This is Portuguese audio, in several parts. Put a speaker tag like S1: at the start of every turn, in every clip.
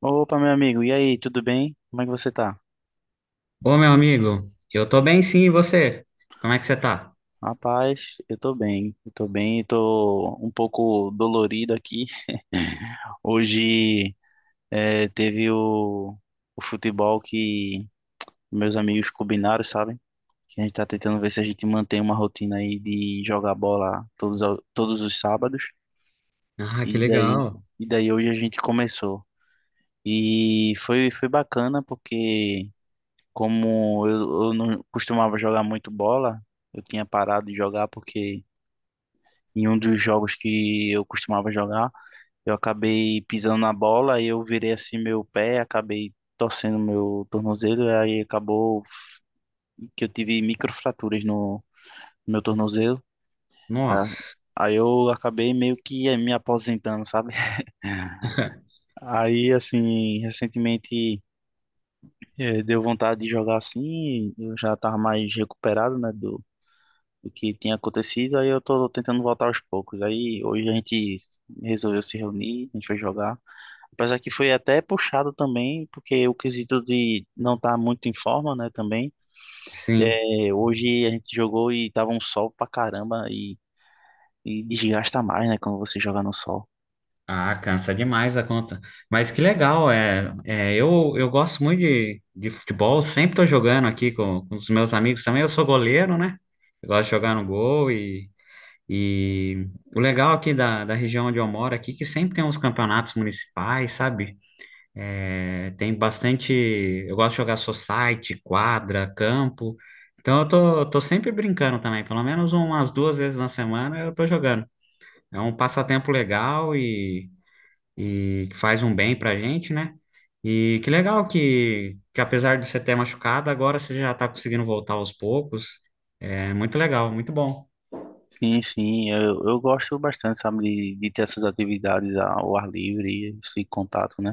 S1: Opa, meu amigo, e aí, tudo bem? Como é que você tá?
S2: Ô, meu amigo, eu tô bem sim, e você? Como é que você tá?
S1: Rapaz, eu tô bem, eu tô bem, eu tô um pouco dolorido aqui. Hoje teve o futebol que meus amigos combinaram, sabe? Que a gente tá tentando ver se a gente mantém uma rotina aí de jogar bola todos os sábados.
S2: Ah, que
S1: E daí,
S2: legal.
S1: e daí, hoje a gente começou. E foi bacana porque, como eu não costumava jogar muito bola, eu tinha parado de jogar porque em um dos jogos que eu costumava jogar, eu acabei pisando na bola e eu virei assim meu pé, acabei torcendo meu tornozelo, e aí acabou que eu tive microfraturas no meu tornozelo. Tá?
S2: Nossa,
S1: Aí eu acabei meio que me aposentando, sabe? Aí, assim, recentemente deu vontade de jogar assim, eu já tava mais recuperado, né, do que tinha acontecido. Aí eu tô tentando voltar aos poucos. Aí hoje a gente resolveu se reunir, a gente foi jogar. Apesar que foi até puxado também, porque o quesito de não estar muito em forma, né, também.
S2: sim.
S1: É, hoje a gente jogou e tava um sol pra caramba, e desgasta mais, né, quando você joga no sol.
S2: Ah, cansa demais a conta. Mas que legal, eu gosto muito de futebol, sempre tô jogando aqui com os meus amigos também. Eu sou goleiro, né? Eu gosto de jogar no gol e o legal aqui da região onde eu moro é aqui, que sempre tem uns campeonatos municipais, sabe? É, tem bastante. Eu gosto de jogar society, quadra, campo. Então eu tô sempre brincando também. Pelo menos umas duas vezes na semana eu tô jogando. É um passatempo legal e que faz um bem pra gente, né? E que legal que apesar de você ter machucado, agora você já tá conseguindo voltar aos poucos. É muito legal, muito bom.
S1: Sim, sim, eu gosto bastante, sabe, de ter essas atividades ao ar livre, esse contato, né,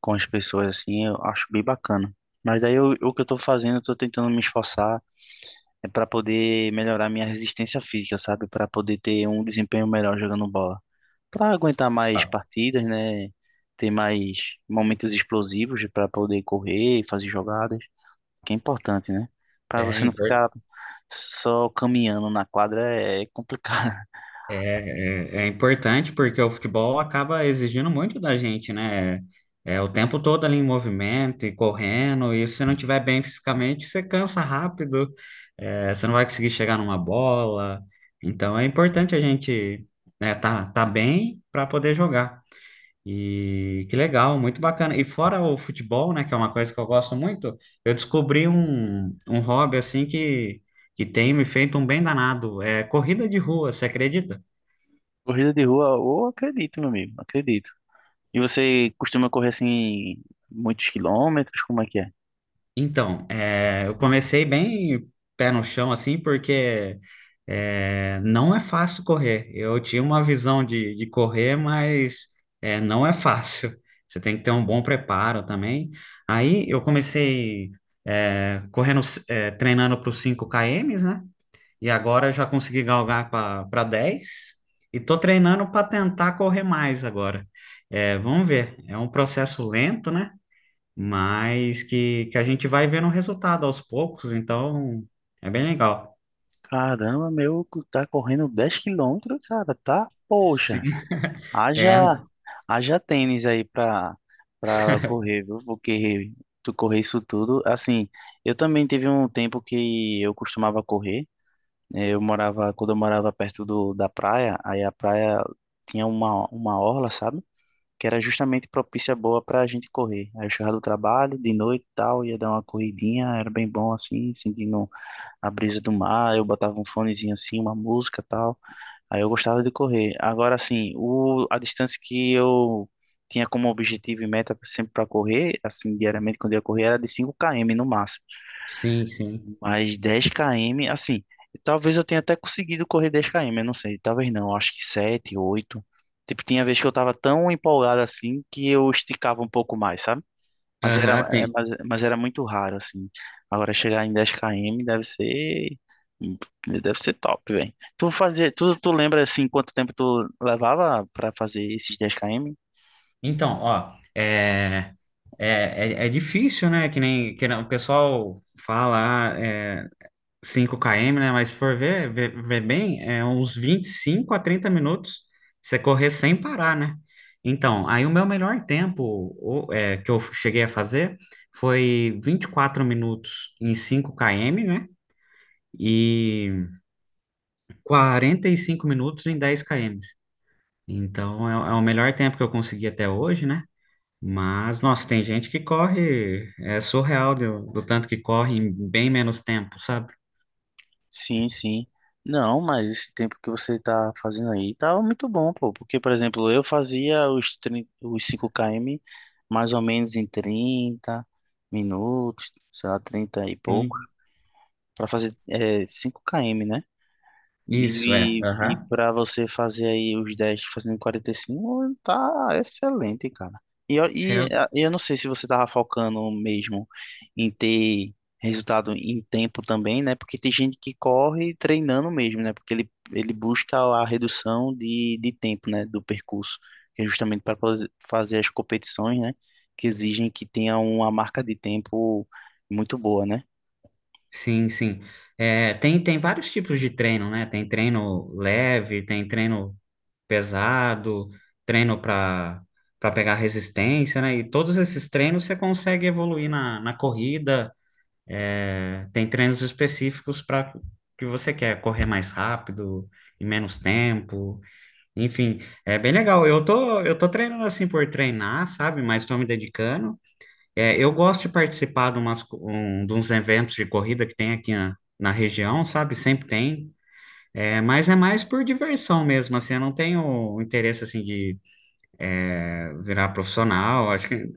S1: com as pessoas, assim, eu acho bem bacana. Mas daí o que eu tô fazendo, eu tô tentando me esforçar é para poder melhorar minha resistência física, sabe? Para poder ter um desempenho melhor jogando bola. Para aguentar mais partidas, né? Ter mais momentos explosivos para poder correr, fazer jogadas, que é importante, né? Para
S2: É
S1: você não
S2: importante.
S1: ficar só caminhando na quadra é complicado.
S2: É, é importante porque o futebol acaba exigindo muito da gente, né? É o tempo todo ali em movimento e correndo, e se você não tiver bem fisicamente, você cansa rápido, você não vai conseguir chegar numa bola. Então é importante a gente, né, tá bem para poder jogar. E que legal, muito bacana. E fora o futebol, né, que é uma coisa que eu gosto muito, eu descobri um hobby assim que tem me feito um bem danado. É corrida de rua, você acredita?
S1: Corrida de rua, eu acredito, meu amigo, acredito. E você costuma correr assim muitos quilômetros? Como é que é?
S2: Então, eu comecei bem pé no chão, assim, porque não é fácil correr. Eu tinha uma visão de correr, mas não é fácil. Você tem que ter um bom preparo também. Aí eu comecei correndo, treinando para os 5 km, né? E agora eu já consegui galgar para 10 e tô treinando para tentar correr mais agora. É, vamos ver. É um processo lento, né? Mas que a gente vai vendo o resultado aos poucos, então é bem legal.
S1: Caramba, meu, tá correndo 10 km, cara, tá? Poxa.
S2: Sim, é,
S1: Haja, haja tênis aí pra correr, viu? Porque tu correr isso tudo. Assim, eu também teve um tempo que eu costumava correr, né? Eu morava, quando eu morava perto do, da praia, aí a praia tinha uma orla, sabe? Que era justamente propícia boa pra gente correr. Aí eu chegava do trabalho, de noite e tal, ia dar uma corridinha, era bem bom assim, sentindo a brisa do mar. Eu botava um fonezinho assim, uma música e tal. Aí eu gostava de correr. Agora, assim, o, a distância que eu tinha como objetivo e meta sempre para correr, assim, diariamente quando eu ia correr, era de 5 km no máximo.
S2: sim, sim.
S1: Mas 10 km, assim, talvez eu tenha até conseguido correr 10 km, eu não sei, talvez não, acho que 7, 8. Tipo, tinha vez que eu tava tão empolgado assim que eu esticava um pouco mais, sabe? Mas era,
S2: Aham,
S1: é,
S2: tem.
S1: mas, mas era muito raro, assim. Agora chegar em 10 km deve ser. Deve ser top, velho. Tu lembra assim quanto tempo tu levava pra fazer esses 10 km?
S2: Então, ó, é, é difícil, né? Que nem o pessoal fala, ah, 5 km, né? Mas se for ver bem, é uns 25 a 30 minutos você correr sem parar, né? Então, aí o meu melhor tempo que eu cheguei a fazer foi 24 minutos em 5 km, né? E 45 minutos em 10 km. Então, é o melhor tempo que eu consegui até hoje, né? Mas, nossa, tem gente que corre, é surreal do tanto que corre em bem menos tempo, sabe?
S1: Sim, sim. Não, mas esse tempo que você tá fazendo aí tava muito bom, pô. Porque, por exemplo, eu fazia os, 30, os 5 km mais ou menos em 30 minutos, sei lá, 30 e pouco,
S2: Sim.
S1: pra fazer 5 km, né?
S2: Isso, é.
S1: E
S2: Aham.
S1: para você fazer aí os 10 fazendo 45 tá excelente, cara. E,
S2: É,
S1: eu não sei se você tava focando mesmo em ter resultado em tempo também, né? Porque tem gente que corre treinando mesmo, né? Porque ele busca a redução de tempo, né? Do percurso, que é justamente para fazer as competições, né? Que exigem que tenha uma marca de tempo muito boa, né?
S2: sim, sim. É, tem vários tipos de treino, né? Tem treino leve, tem treino pesado, treino para pegar resistência, né? E todos esses treinos você consegue evoluir na corrida. É, tem treinos específicos para que você quer correr mais rápido, em menos tempo. Enfim, é bem legal. Eu tô treinando assim por treinar, sabe? Mas estou me dedicando. É, eu gosto de participar de, umas, co- um, de uns eventos de corrida que tem aqui na região, sabe? Sempre tem. É, mas é mais por diversão mesmo, assim, eu não tenho interesse, assim, de virar profissional, acho que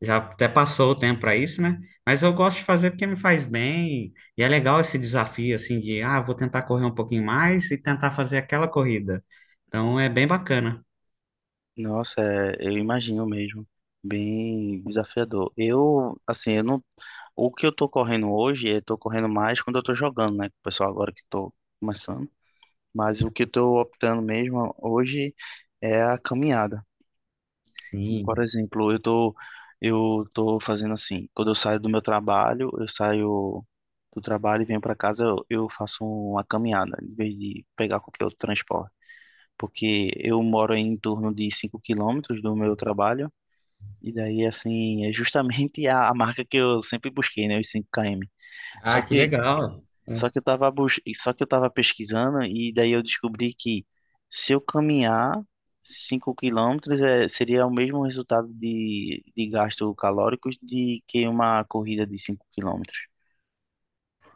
S2: já até passou o tempo para isso, né? Mas eu gosto de fazer porque me faz bem, e é legal esse desafio, assim, de, ah, vou tentar correr um pouquinho mais e tentar fazer aquela corrida. Então, é bem bacana.
S1: Nossa, é, eu imagino mesmo. Bem desafiador. Eu, assim, eu não. O que eu tô correndo hoje, eu tô correndo mais quando eu tô jogando, né? Com o pessoal agora que eu tô começando. Mas o que eu tô optando mesmo hoje é a caminhada. Por
S2: Sim.
S1: exemplo, eu tô fazendo assim, quando eu saio do meu trabalho, eu saio do trabalho e venho para casa, eu faço uma caminhada, em vez de pegar qualquer outro transporte. Porque eu moro em torno de 5 quilômetros do meu trabalho. E daí, assim, é justamente a marca que eu sempre busquei, né? Os 5 km. Só
S2: Ah, que
S1: que,
S2: legal.
S1: só que eu tava bus... só que eu tava pesquisando e daí eu descobri que se eu caminhar 5 quilômetros seria o mesmo resultado de gasto calórico de que uma corrida de 5 quilômetros.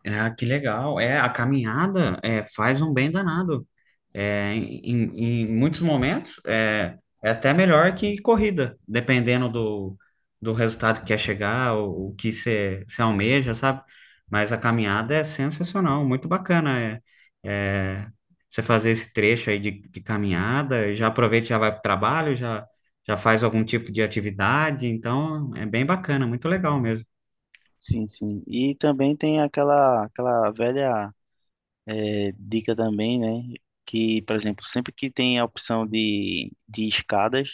S2: Ah, que legal. É, a caminhada faz um bem danado. É, em, em muitos momentos é até melhor que corrida, dependendo do resultado que quer chegar, o que você almeja, sabe? Mas a caminhada é sensacional, muito bacana. É, é, Você fazer esse trecho aí de caminhada, já aproveita, e já vai para o trabalho, já faz algum tipo de atividade, então é bem bacana, muito legal mesmo.
S1: Sim, sim. E também tem aquela velha dica também, né? Que, por exemplo, sempre que tem a opção de escadas,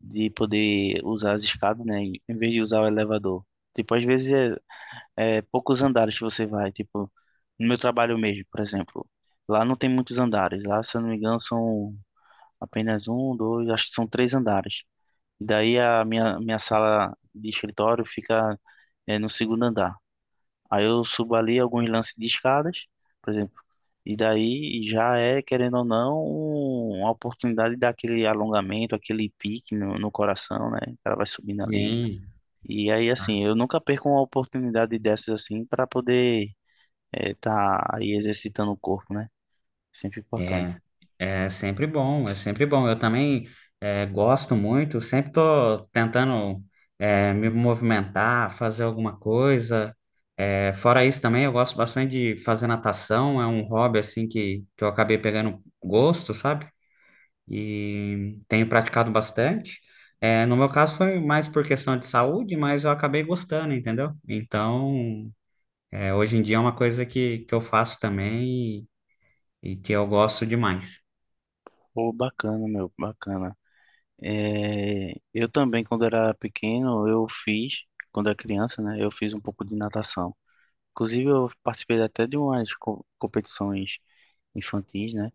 S1: de poder usar as escadas, né? Em vez de usar o elevador. Tipo, às vezes é poucos andares que você vai. Tipo, no meu trabalho mesmo, por exemplo. Lá não tem muitos andares. Lá, se eu não me engano, são apenas um, dois, acho que são três andares. E daí a minha sala de escritório fica no segundo andar. Aí eu subo ali alguns lances de escadas, por exemplo. E daí já é, querendo ou não, uma oportunidade daquele alongamento, aquele pique no coração, né? O cara vai subindo ali.
S2: Sim.
S1: E aí, assim, eu nunca perco uma oportunidade dessas assim para poder estar aí exercitando o corpo, né? Sempre importante.
S2: É, é sempre bom, é sempre bom. Eu também gosto muito, sempre tô tentando me movimentar, fazer alguma coisa. É, fora isso também, eu gosto bastante de fazer natação, é um hobby assim que eu acabei pegando gosto, sabe? E tenho praticado bastante. É, no meu caso foi mais por questão de saúde, mas eu acabei gostando, entendeu? Então, hoje em dia é uma coisa que eu faço também e e que eu gosto demais.
S1: Pô, bacana, meu, bacana. É, eu também, quando era pequeno, eu fiz, quando era criança, né? Eu fiz um pouco de natação. Inclusive, eu participei até de umas competições infantis, né?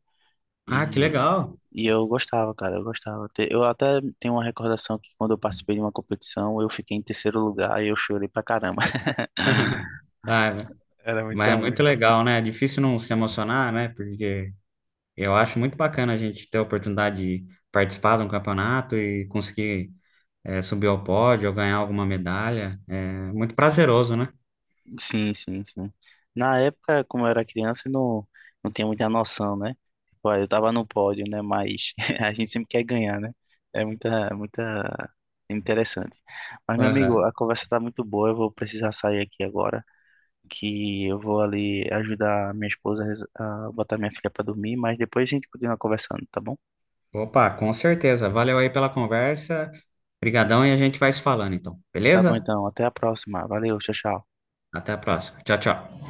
S2: Ah, que
S1: E,
S2: legal.
S1: e eu gostava, cara, eu gostava. Eu até tenho uma recordação que quando eu participei de uma competição, eu fiquei em terceiro lugar e eu chorei pra caramba.
S2: Ah,
S1: Era
S2: mas
S1: muita
S2: é
S1: onda.
S2: muito legal, né? É difícil não se emocionar, né? Porque eu acho muito bacana a gente ter a oportunidade de participar de um campeonato e conseguir subir ao pódio ou ganhar alguma medalha. É muito prazeroso, né?
S1: Sim, sim, sim. Na época, como eu era criança, eu não, não tinha muita noção, né? Tipo, ah, eu tava no pódio, né? Mas a gente sempre quer ganhar, né? É muita interessante. Mas, meu amigo,
S2: Aham.
S1: a conversa tá muito boa, eu vou precisar sair aqui agora. Que eu vou ali ajudar a minha esposa a botar minha filha para dormir, mas depois a gente continua conversando, tá bom?
S2: Opa, com certeza. Valeu aí pela conversa. Obrigadão e a gente vai se falando, então.
S1: Tá bom
S2: Beleza?
S1: então, até a próxima. Valeu, tchau, tchau.
S2: Até a próxima. Tchau, tchau.